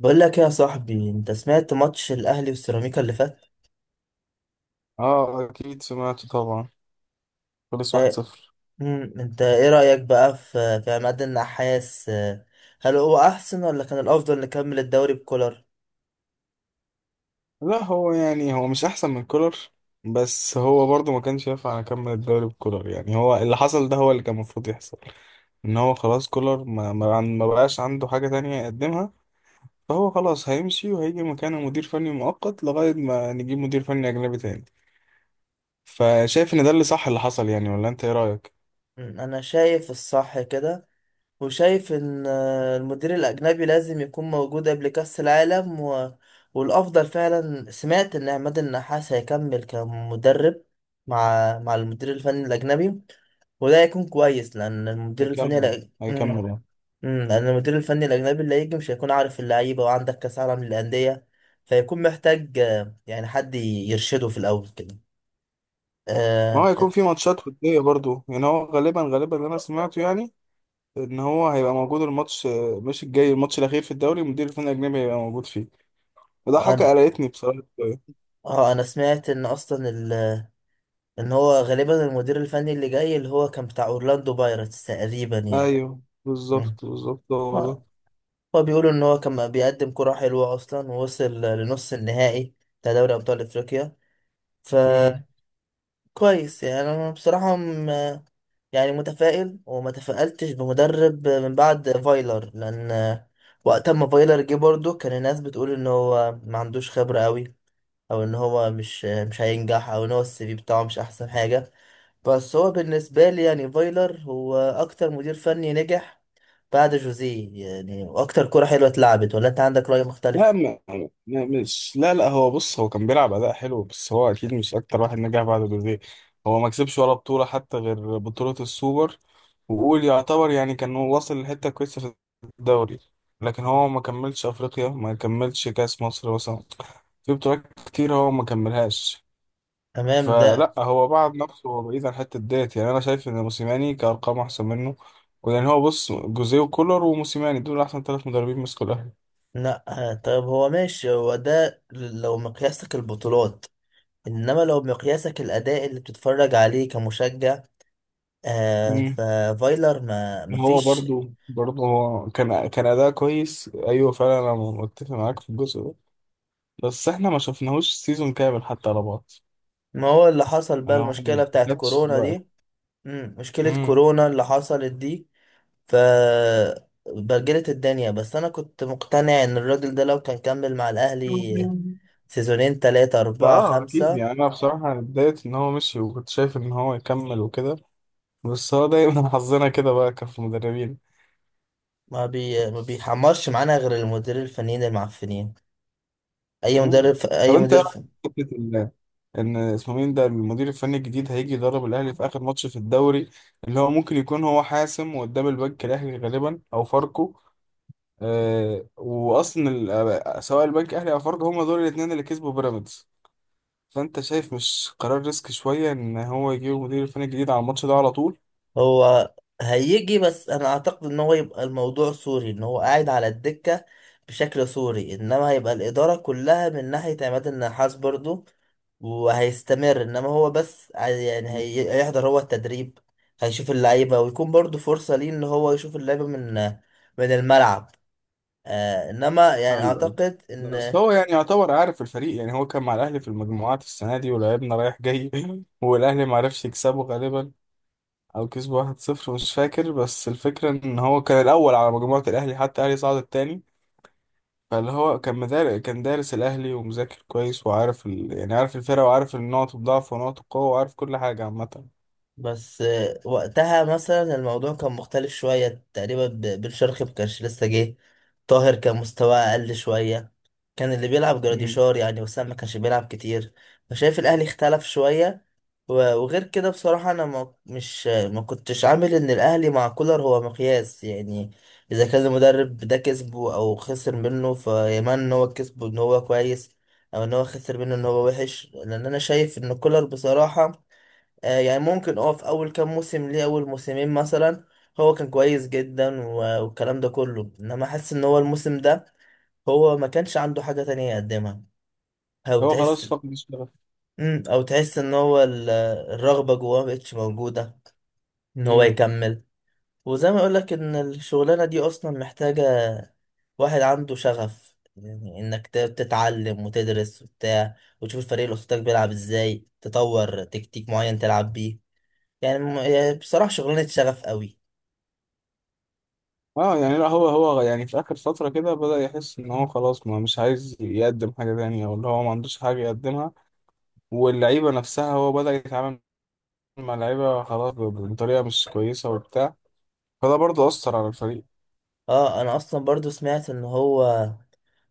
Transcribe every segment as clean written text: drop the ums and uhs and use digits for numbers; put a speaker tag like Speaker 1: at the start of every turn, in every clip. Speaker 1: بقول لك يا صاحبي، انت سمعت ماتش الاهلي والسيراميكا اللي فات؟
Speaker 2: اه اكيد سمعته طبعا. خلص واحد
Speaker 1: اه.
Speaker 2: صفر
Speaker 1: انت ايه رايك بقى في عماد النحاس اه، هل هو احسن ولا كان الافضل نكمل الدوري بكولر؟
Speaker 2: لا هو يعني هو مش احسن من كولر. بس هو برضه ما كانش ينفع اكمل الدوري بكولر، يعني هو اللي حصل ده هو اللي كان المفروض يحصل. ان هو خلاص كولر ما بقاش عنده حاجة تانية يقدمها، فهو خلاص هيمشي وهيجي مكانه مدير فني مؤقت لغاية ما نجيب مدير فني اجنبي تاني. فشايف ان ده اللي صح اللي حصل، يعني ولا انت ايه رأيك؟
Speaker 1: انا شايف الصح كده. وشايف ان المدير الاجنبي لازم يكون موجود قبل كاس العالم والافضل فعلا سمعت ان عماد النحاس هيكمل كمدرب مع المدير الفني الاجنبي. وده هيكون كويس لان المدير الفني
Speaker 2: هيكمل، هيكمل يعني.
Speaker 1: لان المدير الفني الاجنبي اللي هيجي مش هيكون عارف اللعيبه، وعندك كاس عالم للانديه. فيكون محتاج يعني حد يرشده في الاول كده.
Speaker 2: ما هو هيكون
Speaker 1: آه.
Speaker 2: في ماتشات ودية برضه، يعني هو غالبا اللي انا سمعته يعني، ان هو هيبقى موجود الماتش مش الجاي، الماتش الاخير في الدوري مدير الفني الاجنبي هيبقى موجود فيه. وده حاجه
Speaker 1: انا
Speaker 2: قلقتني بصراحه شوية.
Speaker 1: اه انا سمعت ان اصلا ان هو غالبا المدير الفني اللي جاي اللي هو كان بتاع اورلاندو بايرتس تقريبا يعني.
Speaker 2: ايوه
Speaker 1: مم.
Speaker 2: بالظبط بالظبط هو
Speaker 1: هو
Speaker 2: ده.
Speaker 1: هو بيقولوا ان هو كان بيقدم كرة حلوة اصلا، ووصل لنص النهائي بتاع دوري ابطال افريقيا.
Speaker 2: مم.
Speaker 1: فكويس، يعني انا بصراحة يعني متفائل، وما تفائلتش بمدرب من بعد فايلر. لان وقت ما فايلر جه برضه كان الناس بتقول ان هو ما عندوش خبرة قوي، او ان هو مش هينجح، او ان هو السي في بتاعه مش احسن حاجة. بس هو بالنسبة لي يعني فايلر هو اكتر مدير فني نجح بعد جوزيه، يعني واكتر كرة حلوة اتلعبت. ولا انت عندك رأي
Speaker 2: لا،
Speaker 1: مختلف؟
Speaker 2: ما مش، لا لا هو بص، هو كان بيلعب اداء حلو، بس هو اكيد مش اكتر واحد نجح بعد دوريه. هو ما كسبش ولا بطوله حتى غير بطوله السوبر. وقول يعتبر، يعني كان هو واصل لحته كويسه في الدوري، لكن هو ما كملش افريقيا، ما كملش كاس مصر مثلا. في بطولات كتير هو ما كملهاش.
Speaker 1: تمام ده.
Speaker 2: فلا هو بعد نفسه، هو بعيد عن حته ديت، يعني انا شايف ان موسيماني كارقام احسن منه. يعني هو بص، جوزيه وكولر وموسيماني دول احسن ثلاث مدربين مسكوا الاهلي.
Speaker 1: لا. آه، طيب هو ماشي، هو ده لو مقياسك البطولات. انما لو مقياسك الاداء اللي بتتفرج عليه كمشجع، آه
Speaker 2: مم.
Speaker 1: ففايلر ما
Speaker 2: هو
Speaker 1: فيش.
Speaker 2: برضو هو كان اداء كويس، ايوه فعلا انا متفق معاك في الجزء ده، بس احنا ما شفناهوش سيزون كامل حتى على بعض.
Speaker 1: ما هو اللي حصل بقى
Speaker 2: انا هو
Speaker 1: المشكلة
Speaker 2: ما
Speaker 1: بتاعت
Speaker 2: جاتش
Speaker 1: كورونا
Speaker 2: الوقت.
Speaker 1: دي. مم. مشكلة
Speaker 2: امم
Speaker 1: كورونا اللي حصلت دي، ف بجلت الدنيا. بس انا كنت مقتنع ان الراجل ده لو كان كمل مع الاهلي سيزونين، تلاتة، اربعة،
Speaker 2: اه اكيد،
Speaker 1: خمسة.
Speaker 2: يعني انا بصراحه اتضايقت ان هو مشي، وكنت شايف ان هو يكمل وكده، بس هو دايما حظنا كده بقى كف مدربين.
Speaker 1: ما بيحمرش معانا غير المدير الفنيين المعفنين، اي
Speaker 2: مم.
Speaker 1: مدرب،
Speaker 2: طب
Speaker 1: اي
Speaker 2: انت ايه
Speaker 1: مدير.
Speaker 2: رأيك في فكرة ان اسمه مين ده، المدير الفني الجديد هيجي يدرب الاهلي في اخر ماتش في الدوري، اللي هو ممكن يكون هو حاسم، وقدام البنك الاهلي غالبا او فاركو. آه واصلا ال- آه، سواء البنك الاهلي او فاركو، هما دول الاثنين اللي كسبوا بيراميدز، فانت شايف مش قرار ريسك شويه ان هو يجيب مدير الفني الجديد على الماتش ده على طول؟
Speaker 1: هو هيجي، بس انا اعتقد ان هو يبقى الموضوع سوري، ان هو قاعد على الدكة بشكل سوري، انما هيبقى الادارة كلها من ناحية عماد النحاس برضو، وهيستمر. انما هو بس
Speaker 2: مم.
Speaker 1: هيحضر هو التدريب، هيشوف اللعيبة، ويكون برضو فرصة ليه ان هو يشوف اللعيبة من الملعب. آه انما
Speaker 2: ايوه
Speaker 1: يعني
Speaker 2: ايوه.
Speaker 1: اعتقد
Speaker 2: بس
Speaker 1: ان
Speaker 2: هو يعني يعتبر عارف الفريق، يعني هو كان مع الاهلي في المجموعات السنه دي ولعبنا رايح جاي والاهلي ما عرفش يكسبه غالبا، او كسبوا 1-0 مش فاكر، بس الفكرة ان هو كان الاول على مجموعة الاهلي حتى، الاهلي صعد التاني. فاللي هو كان دارس الاهلي ومذاكر كويس، وعارف يعني عارف الفرقة، وعارف النقط الضعف ونقط القوة، وعارف كل حاجة عامة.
Speaker 1: بس وقتها مثلا الموضوع كان مختلف شوية تقريبا، بن شرقي مكانش لسه جه. طاهر كان مستواه أقل شوية، كان اللي بيلعب
Speaker 2: مم.
Speaker 1: جراديشار، يعني وسام ما كانش بيلعب كتير. فشايف الأهلي اختلف شوية. وغير كده بصراحة أنا ما مش ما كنتش عامل إن الأهلي مع كولر هو مقياس، يعني إذا كان المدرب ده كسبه أو خسر منه، فيمان إن هو كسبه إن هو كويس، أو إن هو خسر منه إن هو وحش. لأن أنا شايف إن كولر بصراحة، يعني ممكن في اول كام موسم ليه، اول موسمين مثلا، هو كان كويس جدا والكلام ده كله. انما حاسس ان هو الموسم ده هو ما كانش عنده حاجة تانية يقدمها، او
Speaker 2: هو
Speaker 1: تحس،
Speaker 2: خلاص فقد الشغف.
Speaker 1: او تحس ان هو الرغبة جواه مبقتش موجودة ان هو
Speaker 2: مم.
Speaker 1: يكمل. وزي ما اقولك، ان الشغلانة دي اصلا محتاجة واحد عنده شغف، يعني انك تتعلم وتدرس وبتاع، وتشوف الفريق اللي قصادك بيلعب ازاي، تطور تكتيك معين تلعب بيه. يعني يعني بصراحة شغلانة شغف قوي.
Speaker 2: اه يعني، لا هو يعني في اخر فترة كده بدأ يحس ان هو خلاص، ما مش عايز يقدم حاجة تانية، او اللي هو ما عندوش حاجة يقدمها. واللعيبة نفسها هو بدأ يتعامل مع اللعيبة خلاص بطريقة مش كويسة وبتاع. فده برضه أثر على الفريق.
Speaker 1: اه انا اصلا برضو سمعت ان هو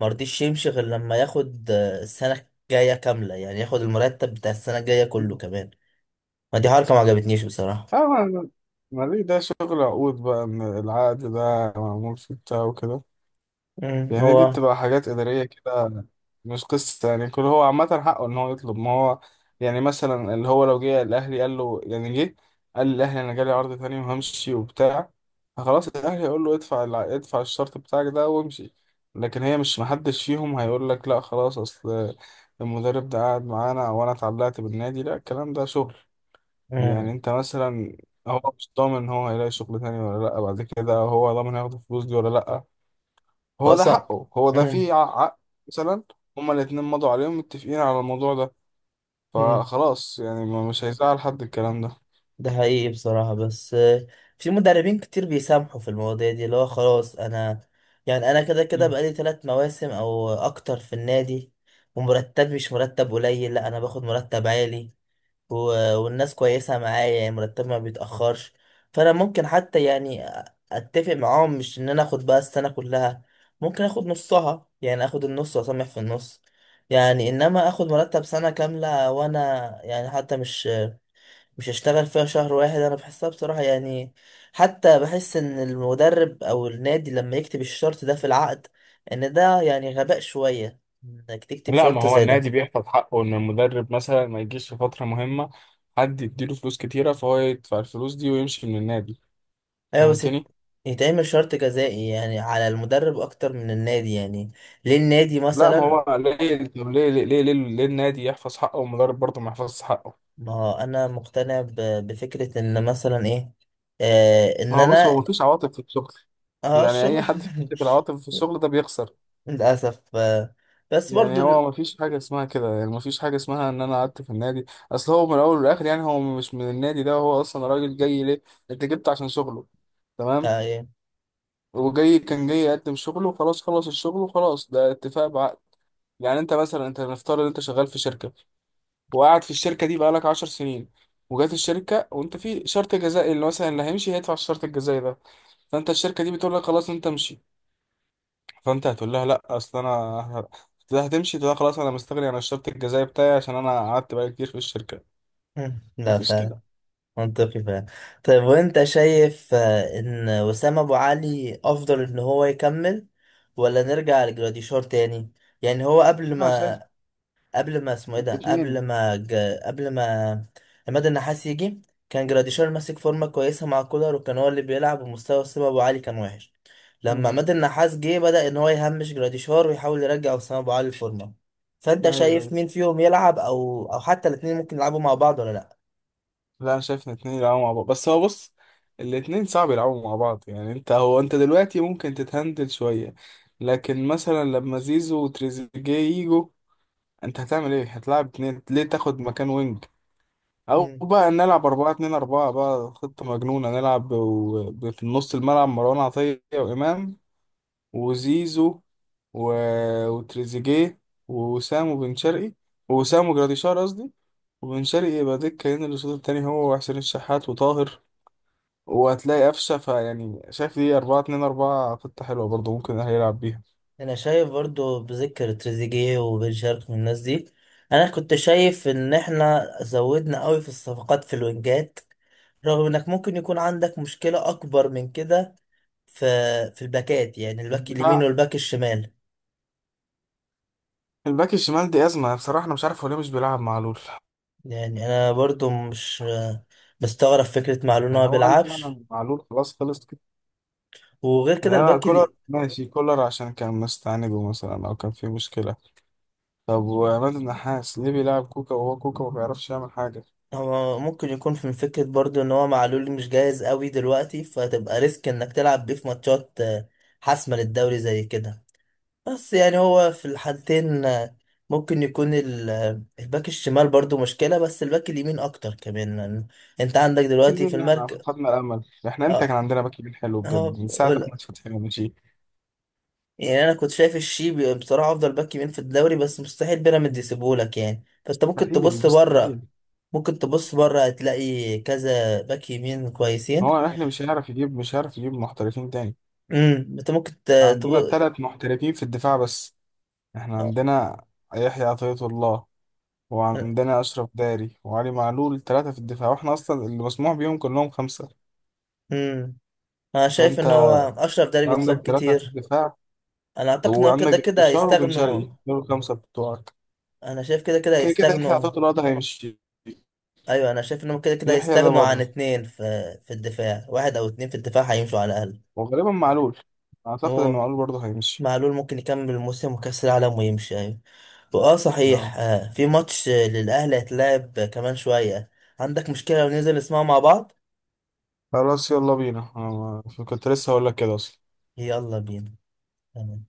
Speaker 1: مرضيش يمشي غير لما ياخد السنة الجاية كاملة، يعني ياخد المرتب بتاع السنة الجاية كله كمان. ما دي حركة ما عجبتنيش بصراحة.
Speaker 2: اه ما ليه ده شغل عقود بقى، ان العقد ده معمول في بتاع وكده، يعني دي
Speaker 1: هو.
Speaker 2: بتبقى حاجات إدارية كده، مش قصة يعني كل هو. عامة حقه ان هو يطلب، ما هو يعني مثلا اللي هو لو جه الاهلي قال له، يعني جه قال للاهلي انا جالي عرض تاني وهمشي وبتاع، فخلاص الاهلي هيقول له ادفع ادفع الشرط بتاعك ده وامشي. لكن هي مش، محدش فيهم هيقول لك لا خلاص اصل المدرب ده قاعد معانا وانا اتعلقت بالنادي، لا الكلام ده شغل. يعني
Speaker 1: امم
Speaker 2: انت مثلا، هو مش ضامن ان هو هيلاقي شغل تاني ولا لا بعد كده، هو ضامن هياخد الفلوس دي ولا لا.
Speaker 1: هو
Speaker 2: هو ده
Speaker 1: اصلا.
Speaker 2: حقه، هو ده
Speaker 1: امم.
Speaker 2: فيه عقد. مثلا هما الاتنين مضوا عليهم متفقين على الموضوع ده،
Speaker 1: امم
Speaker 2: فخلاص يعني مش هيزعل حد الكلام ده.
Speaker 1: ده حقيقي بصراحة. بس في مدربين كتير بيسامحوا في المواضيع دي، اللي هو خلاص انا يعني انا كده كده
Speaker 2: مم.
Speaker 1: بقالي ثلاث مواسم او اكتر في النادي، ومرتب مش مرتب قليل، لا انا باخد مرتب عالي و... والناس كويسة معايا، يعني مرتب ما بيتأخرش. فأنا ممكن حتى يعني أتفق معاهم، مش إن أنا آخد بقى السنة كلها، ممكن آخد نصها، يعني آخد النص وأسامح في النص. يعني إنما آخد مرتب سنة كاملة وأنا يعني حتى مش هشتغل فيها شهر واحد، أنا بحسها بصراحة يعني. حتى بحس إن المدرب أو النادي لما يكتب الشرط ده في العقد، إن ده يعني غباء شوية إنك تكتب
Speaker 2: لا ما
Speaker 1: شرط
Speaker 2: هو
Speaker 1: زي
Speaker 2: النادي
Speaker 1: ده.
Speaker 2: بيحفظ حقه، ان المدرب مثلا ما يجيش في فترة مهمة حد يديله فلوس كتيرة فهو يدفع الفلوس دي ويمشي من النادي.
Speaker 1: ايوه بس
Speaker 2: فهمتني؟
Speaker 1: يتعمل شرط جزائي يعني على المدرب اكتر من النادي، يعني ليه النادي
Speaker 2: لا ما
Speaker 1: مثلا؟
Speaker 2: هو ليه، طب ليه النادي يحفظ حقه والمدرب برضه ما يحفظش حقه؟
Speaker 1: ما هو انا مقتنع بفكرة ان مثلا ايه،
Speaker 2: ما
Speaker 1: ان
Speaker 2: هو بص،
Speaker 1: انا.
Speaker 2: هو مفيش عواطف في الشغل،
Speaker 1: اه
Speaker 2: يعني اي
Speaker 1: الشغل.
Speaker 2: حد بيمسك العواطف في الشغل ده بيخسر.
Speaker 1: للاسف آه. بس
Speaker 2: يعني
Speaker 1: برضو
Speaker 2: هو مفيش حاجه اسمها كده، يعني مفيش حاجه اسمها ان انا قعدت في النادي. اصل هو من الاول والاخر، يعني هو مش من النادي ده، هو اصلا راجل جاي ليه، انت جبت عشان شغله، تمام.
Speaker 1: يعني.
Speaker 2: وجاي كان جاي يقدم شغله وخلاص، خلص الشغل وخلاص، ده اتفاق بعقد. يعني انت مثلا، انت نفترض ان انت شغال في شركه وقاعد في الشركه دي بقالك 10 سنين، وجات الشركه وانت في شرط جزائي اللي مثلا اللي هيمشي هيدفع الشرط الجزائي ده، فانت الشركه دي بتقول لك خلاص انت امشي، فانت هتقول لها لا اصل انا هتقول لها، هتمشي تقول لها خلاص انا مستغني عن الشرط الجزائي بتاعي عشان انا قعدت بقالي كتير في الشركه.
Speaker 1: لا
Speaker 2: مفيش كده.
Speaker 1: فعلا. منطقي فعلا. طيب وانت شايف ان وسام ابو علي افضل ان هو يكمل، ولا نرجع لجراديشار تاني؟ يعني هو قبل
Speaker 2: لا أنا شايف
Speaker 1: ما، قبل ما اسمه ايه ده قبل
Speaker 2: اتنين.
Speaker 1: ما ج... قبل ما عماد النحاس يجي، كان جراديشار ماسك فورمه كويسه مع كولر، وكان هو اللي بيلعب، ومستوى اسامه ابو علي كان وحش. لما
Speaker 2: مم.
Speaker 1: عماد النحاس جه بدأ ان هو يهمش جراديشار ويحاول يرجع اسامه ابو علي الفورمه. فانت
Speaker 2: ايوه
Speaker 1: شايف
Speaker 2: ايوه.
Speaker 1: مين فيهم يلعب، او حتى الاثنين ممكن يلعبوا مع بعض ولا لا؟
Speaker 2: لا انا شايف ان اتنين يلعبوا مع بعض، بس هو بص، الاتنين صعب يلعبوا مع بعض، يعني انت هو انت دلوقتي ممكن تتهندل شويه، لكن مثلا لما زيزو وتريزيجيه يجوا، انت هتعمل ايه؟ هتلعب اتنين ليه تاخد مكان وينج؟ او
Speaker 1: مم.
Speaker 2: بقى نلعب أربعة اتنين أربعة بقى، خطة مجنونة، نلعب في نص الملعب مروان عطية وإمام، وزيزو، و... وتريزيجيه، ووسام وبن شرقي، ووسام وجراديشار قصدي، وبن شرقي يبقى دكة هنا الأسود التاني هو وحسين الشحات وطاهر، وهتلاقي قفشة، فيعني شايف دي أربعة اتنين أربعة خطة حلوة برضه ممكن الأهلي يلعب بيها.
Speaker 1: انا شايف برضو بذكر تريزيجيه وبن شرقي من الناس دي. انا كنت شايف ان احنا زودنا قوي في الصفقات في الوينجات، رغم انك ممكن يكون عندك مشكلة اكبر من كده في في الباكات، يعني الباك اليمين
Speaker 2: الدفاع.
Speaker 1: والباك الشمال.
Speaker 2: الباك الشمال دي أزمة بصراحة، أنا مش عارف هو ليه مش بيلعب معلول.
Speaker 1: يعني انا برضو مش مستغرب فكرة معلول إن
Speaker 2: يعني
Speaker 1: هو
Speaker 2: هو هل
Speaker 1: بيلعبش.
Speaker 2: فعلا معلول خلاص خلص كده؟
Speaker 1: وغير
Speaker 2: يعني
Speaker 1: كده
Speaker 2: أنا
Speaker 1: الباك
Speaker 2: كولر
Speaker 1: اللي
Speaker 2: ماشي كولر عشان كان مستعنده مثلا أو كان فيه مشكلة، طب وعماد النحاس ليه بيلعب كوكا وهو كوكا ما بيعرفش يعمل حاجة؟
Speaker 1: هو ممكن يكون من فكرة برضو ان هو معلول مش جاهز قوي دلوقتي، فهتبقى ريسك انك تلعب بيه في ماتشات حاسمة للدوري زي كده. بس يعني هو في الحالتين، ممكن يكون الباك الشمال برضو مشكلة، بس الباك اليمين أكتر كمان، لأن أنت عندك
Speaker 2: في
Speaker 1: دلوقتي في
Speaker 2: منها
Speaker 1: المركز.
Speaker 2: فقدنا الأمل، إحنا إمتى كان
Speaker 1: اه
Speaker 2: عندنا باك يمين حلو
Speaker 1: هو
Speaker 2: بجد من ساعة
Speaker 1: ولا.
Speaker 2: أحمد فتحي ما مشي.
Speaker 1: يعني أنا كنت شايف الشيبي بصراحة أفضل باك يمين في الدوري، بس مستحيل بيراميدز يسيبهولك يعني، فأنت ممكن
Speaker 2: مستحيل
Speaker 1: تبص بره.
Speaker 2: مستحيل.
Speaker 1: ممكن تبص بره، هتلاقي كذا باك يمين كويسين.
Speaker 2: هو إحنا مش هنعرف يجيب، مش هنعرف يجيب محترفين تاني.
Speaker 1: أنت ممكن
Speaker 2: عندنا
Speaker 1: تبص.
Speaker 2: تلات محترفين في الدفاع بس. إحنا عندنا يحيى عطية الله، وعندنا أشرف داري وعلي معلول، تلاتة في الدفاع، وإحنا أصلا اللي مسموح بيهم كلهم خمسة.
Speaker 1: امم أنا شايف
Speaker 2: فأنت
Speaker 1: إن هو أشرف داري بيتصاب
Speaker 2: عندك تلاتة في
Speaker 1: كتير.
Speaker 2: الدفاع،
Speaker 1: أنا أعتقد إن هو
Speaker 2: وعندك
Speaker 1: كده كده
Speaker 2: بشار وبن
Speaker 1: هيستغنوا.
Speaker 2: شرقي، دول الخمسة بتوعك.
Speaker 1: انا شايف كده كده
Speaker 2: كده كده يحيى
Speaker 1: هيستغنوا.
Speaker 2: عطية الله ده هيمشي.
Speaker 1: ايوه انا شايف انهم كده كده
Speaker 2: يحيى ده
Speaker 1: هيستغنوا عن
Speaker 2: بره.
Speaker 1: اتنين في الدفاع، واحد او اتنين في الدفاع هيمشوا على الاقل.
Speaker 2: وغالبا معلول، اعتقد ان
Speaker 1: هو
Speaker 2: معلول برضه هيمشي.
Speaker 1: معلول ممكن يكمل الموسم وكاس العالم ويمشي، ايوه. واه صحيح،
Speaker 2: اه
Speaker 1: في ماتش للاهلي هيتلعب كمان شويه، عندك مشكله لو ننزل نسمعه مع بعض؟
Speaker 2: خلاص يلا بينا، انا كنت لسه هقول لك كده اصلا.
Speaker 1: يلا بينا. تمام.